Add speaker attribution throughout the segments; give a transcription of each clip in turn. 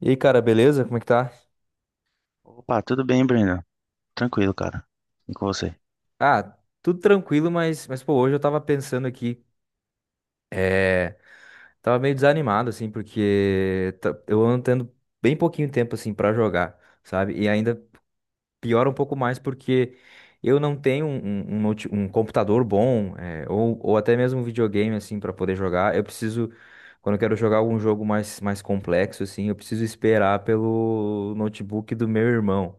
Speaker 1: E aí, cara, beleza? Como é que tá?
Speaker 2: Opa, tudo bem, Brenda? Tranquilo, cara. E com você?
Speaker 1: Ah, tudo tranquilo, mas pô, hoje eu tava pensando aqui, tava meio desanimado, assim, porque eu ando tendo bem pouquinho tempo, assim, pra jogar, sabe? E ainda piora um pouco mais porque eu não tenho um computador bom, é, ou até mesmo um videogame, assim, pra poder jogar. Eu preciso, quando eu quero jogar algum jogo mais complexo, assim, eu preciso esperar pelo notebook do meu irmão.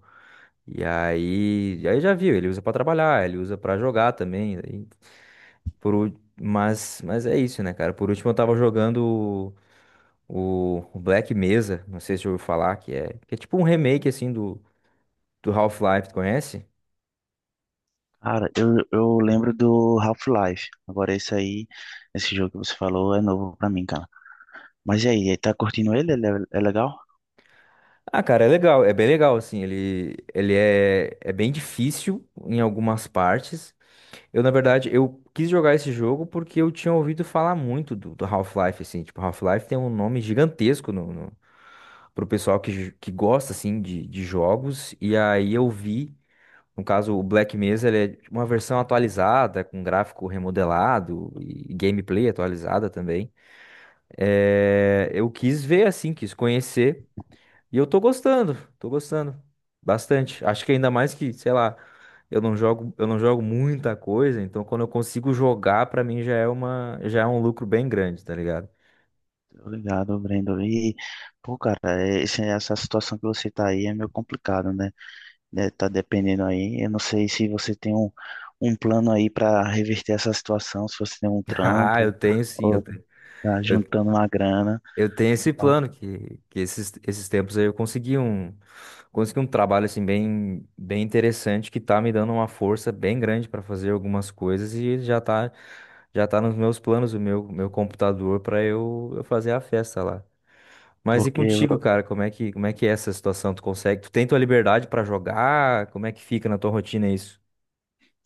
Speaker 1: E aí, aí já viu, ele usa pra trabalhar, ele usa pra jogar também. Por, ú- mas é isso, né, cara? Por último, eu tava jogando o Black Mesa, não sei se você ouviu falar, que é tipo um remake, assim, do Half-Life, tu conhece?
Speaker 2: Cara, eu lembro do Half-Life. Agora esse aí, esse jogo que você falou é novo pra mim, cara. Mas e aí, tá curtindo ele? Ele é legal?
Speaker 1: Ah, cara, é legal, é bem legal, assim, ele é bem difícil em algumas partes. Eu quis jogar esse jogo porque eu tinha ouvido falar muito do Half-Life, assim, tipo, Half-Life tem um nome gigantesco pro pessoal que gosta, assim, de jogos. E aí eu vi, no caso, o Black Mesa, ele é uma versão atualizada, com gráfico remodelado e gameplay atualizada também. É, eu quis ver, assim, quis conhecer. E eu tô gostando bastante. Acho que ainda mais que, sei lá, eu não jogo muita coisa, então quando eu consigo jogar, pra mim já é já é um lucro bem grande, tá ligado?
Speaker 2: Obrigado, Brenda. E, pô, cara, é, essa situação que você tá aí é meio complicado, né? É, tá dependendo aí. Eu não sei se você tem um plano aí pra reverter essa situação, se você tem um
Speaker 1: Ah, eu
Speaker 2: trampo,
Speaker 1: tenho sim, eu
Speaker 2: ou
Speaker 1: tenho.
Speaker 2: tá juntando uma grana,
Speaker 1: Eu tenho esse plano que esses tempos aí eu consegui consegui um trabalho assim bem, bem interessante que tá me dando uma força bem grande para fazer algumas coisas e já tá nos meus planos meu computador para eu fazer a festa lá. Mas e
Speaker 2: porque...
Speaker 1: contigo, cara, como é que é essa situação? Tu consegue? Tu tem tua liberdade para jogar? Como é que fica na tua rotina isso?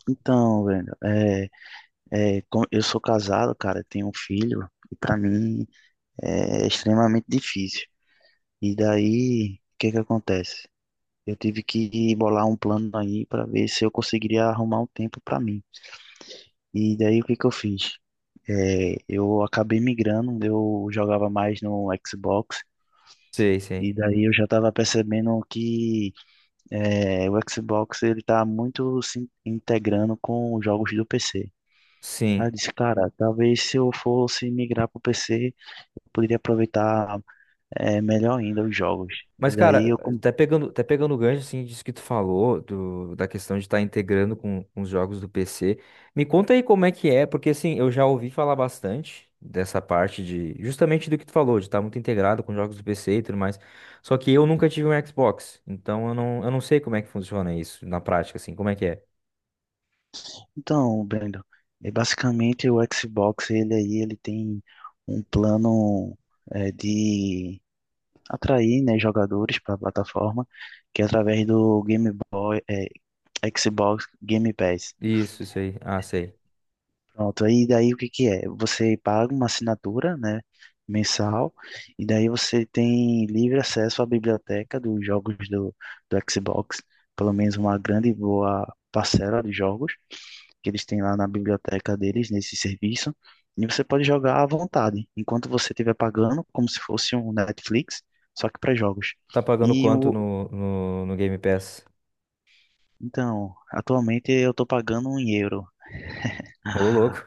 Speaker 2: Então, Brenda, é... É, eu sou casado, cara, tenho um filho, e pra mim é extremamente difícil. E daí, o que que acontece? Eu tive que bolar um plano aí pra ver se eu conseguiria arrumar um tempo pra mim. E daí, o que que eu fiz? É, eu acabei migrando, eu jogava mais no Xbox,
Speaker 1: Sei, sei.
Speaker 2: e daí eu já estava percebendo que é, o Xbox ele tá muito se integrando com os jogos do PC. Aí eu
Speaker 1: Sim.
Speaker 2: disse, cara, talvez se eu fosse migrar pro PC, poderia aproveitar é, melhor ainda os jogos.
Speaker 1: Mas,
Speaker 2: E daí
Speaker 1: cara,
Speaker 2: eu com-
Speaker 1: até pegando o gancho, assim, disso que tu falou, da questão de estar integrando com os jogos do PC, me conta aí como é que é, porque, assim, eu já ouvi falar bastante dessa parte de, justamente do que tu falou, de estar muito integrado com jogos do PC e tudo mais, só que eu nunca tive um Xbox, então eu não sei como é que funciona isso na prática, assim, como é que é?
Speaker 2: Então, Brendo, é, basicamente o Xbox, ele aí, ele tem um plano é, de atrair, né, jogadores para a plataforma, que é através do Game Boy, é, Xbox Game Pass.
Speaker 1: Isso aí, ah, sei.
Speaker 2: Pronto, aí daí o que que é? Você paga uma assinatura, né, mensal, e daí você tem livre acesso à biblioteca dos jogos do Xbox, pelo menos uma grande e boa parcela de jogos que eles têm lá na biblioteca deles, nesse serviço, e você pode jogar à vontade, enquanto você estiver pagando, como se fosse um Netflix, só que para jogos.
Speaker 1: Tá pagando
Speaker 2: E
Speaker 1: quanto
Speaker 2: o,
Speaker 1: no Game Pass?
Speaker 2: então, atualmente eu estou pagando um euro,
Speaker 1: Ô, louco.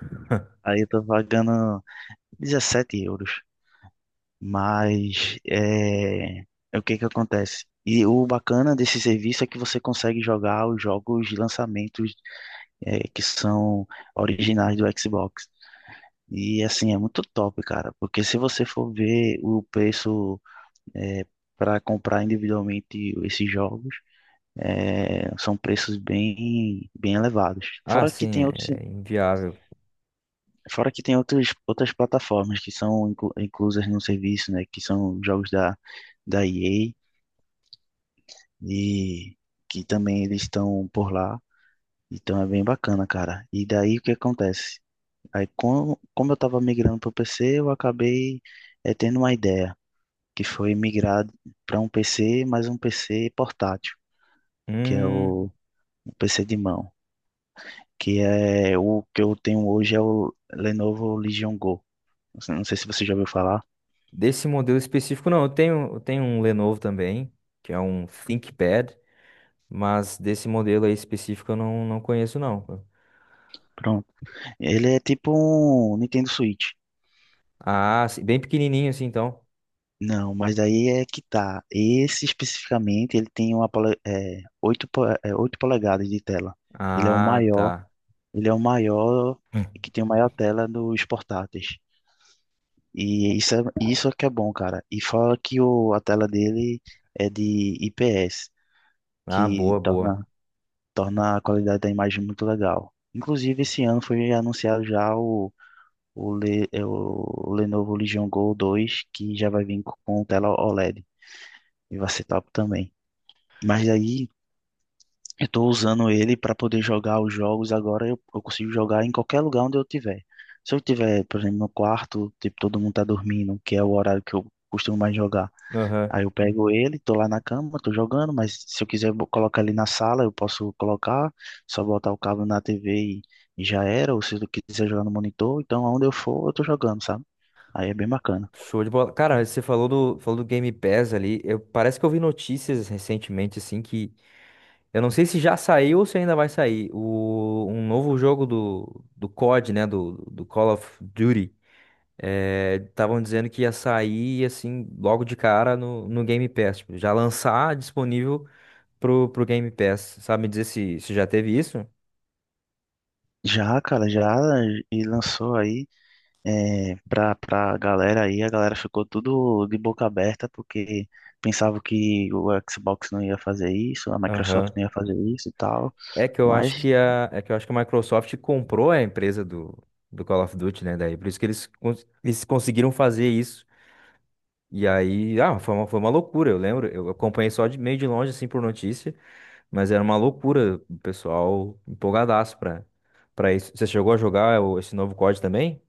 Speaker 2: aí eu estou pagando 17 euros. Mas é, é o que que acontece? E o bacana desse serviço é que você consegue jogar os jogos de lançamentos é, que são originais do Xbox. E assim, é muito top, cara, porque se você for ver o preço é, para comprar individualmente esses jogos, é, são preços bem, bem elevados.
Speaker 1: Ah, sim, é inviável.
Speaker 2: Fora que tem outros, outras plataformas que são inclusas no serviço, né, que são jogos da EA e que também eles estão por lá. Então é bem bacana, cara. E daí o que acontece? Aí, como eu estava migrando para o PC, eu acabei eh, tendo uma ideia, que foi migrar para um PC, mas um PC portátil, que é
Speaker 1: Hum.
Speaker 2: o PC de mão, que é o que eu tenho hoje é o Lenovo Legion Go. Não sei se você já ouviu falar.
Speaker 1: Desse modelo específico, não. Eu tenho um Lenovo também, que é um ThinkPad, mas desse modelo aí específico eu não, não conheço, não.
Speaker 2: Pronto. Ele é tipo um Nintendo Switch.
Speaker 1: Ah, sim, bem pequenininho assim, então.
Speaker 2: Não, mas daí é que tá. Esse especificamente, ele tem uma, 8 polegadas de tela. Ele é o
Speaker 1: Ah,
Speaker 2: maior,
Speaker 1: tá.
Speaker 2: ele é o maior, que tem a maior tela dos portáteis. E isso é que é bom, cara. E fora que o, a tela dele é de IPS,
Speaker 1: Ah, boa,
Speaker 2: que
Speaker 1: boa.
Speaker 2: torna, torna a qualidade da imagem muito legal. Inclusive, esse ano foi anunciado já o Lenovo Legion Go 2 que já vai vir com tela OLED. E D. E vai ser top também. Mas aí eu tô usando ele para poder jogar os jogos agora. Eu consigo jogar em qualquer lugar onde eu tiver. Se eu tiver, por exemplo, no quarto, tipo, todo mundo tá dormindo, que é o horário que eu costumo mais jogar.
Speaker 1: Aham.
Speaker 2: Aí eu pego ele, tô lá na cama, tô jogando, mas se eu quiser colocar ele na sala, eu posso colocar, só botar o cabo na TV e, e já era. Ou se eu quiser jogar no monitor, então aonde eu for, eu tô jogando, sabe? Aí é bem bacana.
Speaker 1: Show de bola. Cara, você falou falou do Game Pass ali. Eu, parece que eu vi notícias recentemente, assim, que eu não sei se já saiu ou se ainda vai sair. O, um novo jogo do COD, né? Do Call of Duty. Estavam dizendo que ia sair, assim, logo de cara no Game Pass. Tipo, já lançar disponível pro Game Pass. Sabe me dizer se, se já teve isso?
Speaker 2: Já, cara, já e lançou aí. É, pra galera aí, a galera ficou tudo de boca aberta porque pensava que o Xbox não ia fazer isso, a Microsoft
Speaker 1: Aham.
Speaker 2: não ia fazer isso e tal,
Speaker 1: É que eu acho
Speaker 2: mas
Speaker 1: que a, é que eu acho que a Microsoft comprou a empresa do Call of Duty, né? Daí, por isso que eles, eles conseguiram fazer isso. E aí, ah, foi uma loucura, eu lembro. Eu acompanhei só de meio de longe, assim, por notícia, mas era uma loucura. O pessoal empolgadaço pra, pra isso. Você chegou a jogar esse novo COD também?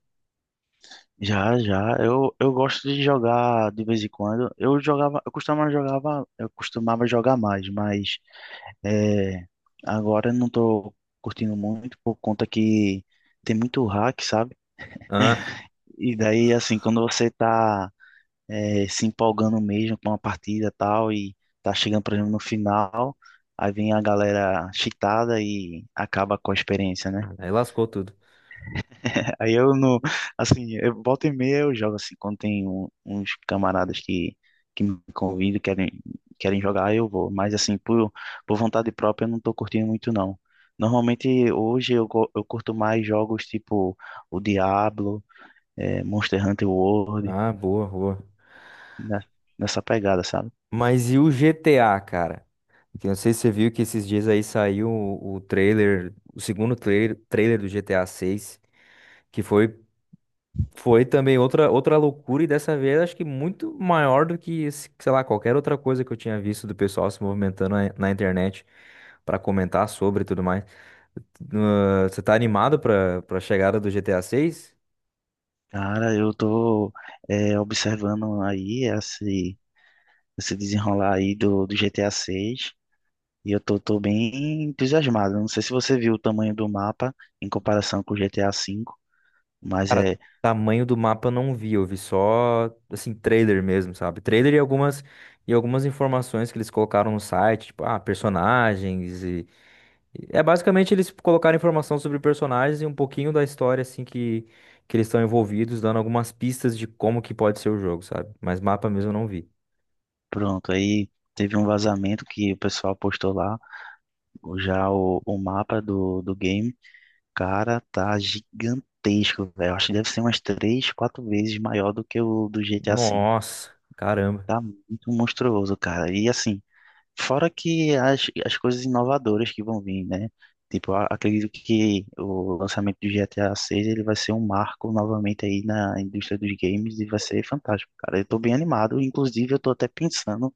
Speaker 2: já, já, eu gosto de jogar de vez em quando, eu jogava, eu costumava jogar mais, mas é, agora eu não tô curtindo muito por conta que tem muito hack, sabe? E daí, assim, quando você tá eh, se empolgando mesmo com uma partida e tal, e tá chegando, por exemplo, no final, aí vem a galera cheatada e acaba com a experiência, né?
Speaker 1: Ah, aí lascou tudo.
Speaker 2: Aí eu não, assim, eu volta e meia eu jogo assim, quando tem uns camaradas que me convidam, querem jogar, aí eu vou, mas assim, por vontade própria eu não tô curtindo muito não. Normalmente hoje eu curto mais jogos tipo o Diablo, eh, Monster Hunter World,
Speaker 1: Ah, boa, boa.
Speaker 2: né? Nessa pegada, sabe?
Speaker 1: Mas e o GTA, cara? Que eu não sei se você viu que esses dias aí saiu o trailer, o segundo trailer, trailer do GTA 6, que foi, foi também outra, outra loucura e dessa vez acho que muito maior do que, sei lá, qualquer outra coisa que eu tinha visto do pessoal se movimentando na internet pra comentar sobre e tudo mais. Ah, você tá animado pra, pra chegada do GTA 6?
Speaker 2: Cara, eu tô é, observando aí esse desenrolar aí do GTA 6 e eu tô bem entusiasmado. Não sei se você viu o tamanho do mapa em comparação com o GTA 5, mas
Speaker 1: Cara,
Speaker 2: é
Speaker 1: tamanho do mapa eu não vi, eu vi só, assim, trailer mesmo, sabe? Trailer e algumas informações que eles colocaram no site, tipo, ah, personagens e é basicamente eles colocaram informação sobre personagens e um pouquinho da história, assim, que eles estão envolvidos, dando algumas pistas de como que pode ser o jogo, sabe? Mas mapa mesmo eu não vi.
Speaker 2: pronto. Aí teve um vazamento que o pessoal postou lá, já o mapa do game. Cara, tá gigantesco, velho. Acho que deve ser umas três, quatro vezes maior do que o do GTA 5.
Speaker 1: Nossa, caramba.
Speaker 2: Tá muito monstruoso, cara. E assim. Fora que as coisas inovadoras que vão vir, né? Tipo, acredito que o lançamento do GTA 6 ele vai ser um marco novamente aí na indústria dos games e vai ser fantástico, cara. Eu tô bem animado, inclusive eu tô até pensando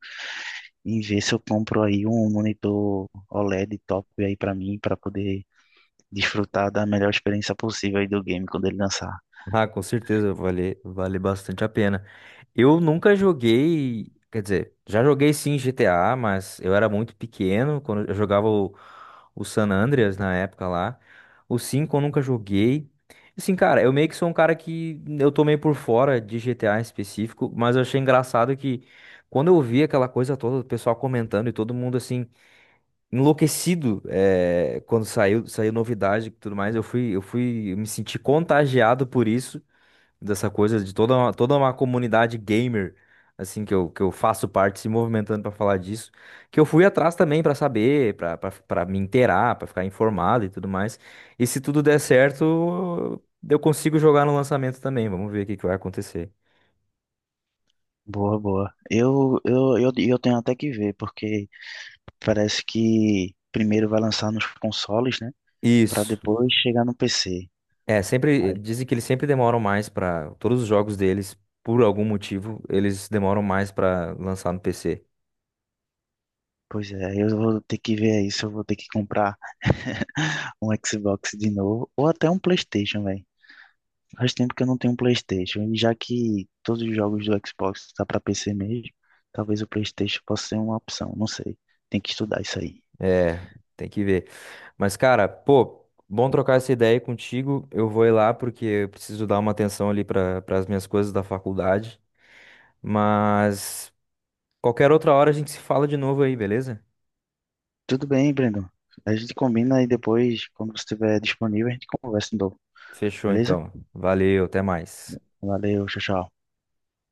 Speaker 2: em ver se eu compro aí um monitor OLED top aí pra mim, pra poder desfrutar da melhor experiência possível aí do game quando ele lançar.
Speaker 1: Ah, com certeza, vale, vale bastante a pena. Eu nunca joguei, quer dizer, já joguei sim GTA, mas eu era muito pequeno quando eu jogava o San Andreas na época lá. O 5 eu nunca joguei. Assim, cara, eu meio que sou um cara que eu tô meio por fora de GTA em específico, mas eu achei engraçado que quando eu vi aquela coisa toda, o pessoal comentando e todo mundo assim, enlouquecido, eh, quando saiu, saiu novidade e tudo mais, eu fui, eu me senti contagiado por isso dessa coisa de toda uma comunidade gamer, assim, que eu faço parte, se movimentando pra falar disso, que eu fui atrás também pra saber, pra me inteirar, pra ficar informado e tudo mais. E se tudo der certo, eu consigo jogar no lançamento também. Vamos ver o que que vai acontecer.
Speaker 2: Boa, boa. Eu tenho até que ver, porque parece que primeiro vai lançar nos consoles, né? Para
Speaker 1: Isso.
Speaker 2: depois chegar no PC.
Speaker 1: É, sempre
Speaker 2: Aí,
Speaker 1: dizem que eles sempre demoram mais pra. Todos os jogos deles, por algum motivo, eles demoram mais pra lançar no PC.
Speaker 2: pois é, aí eu vou ter que ver aí se eu vou ter que comprar um Xbox de novo ou até um PlayStation, velho. Faz tempo que eu não tenho um PlayStation e já que todos os jogos do Xbox tá para PC mesmo, talvez o PlayStation possa ser uma opção, não sei. Tem que estudar isso aí.
Speaker 1: É, tem que ver. Mas, cara, pô, bom trocar essa ideia aí contigo. Eu vou ir lá porque eu preciso dar uma atenção ali para as minhas coisas da faculdade. Mas qualquer outra hora a gente se fala de novo aí, beleza?
Speaker 2: Tudo bem, Breno. A gente combina e depois, quando você estiver disponível, a gente conversa de novo,
Speaker 1: Fechou
Speaker 2: beleza?
Speaker 1: então. Valeu, até mais.
Speaker 2: Valeu, tchau, tchau.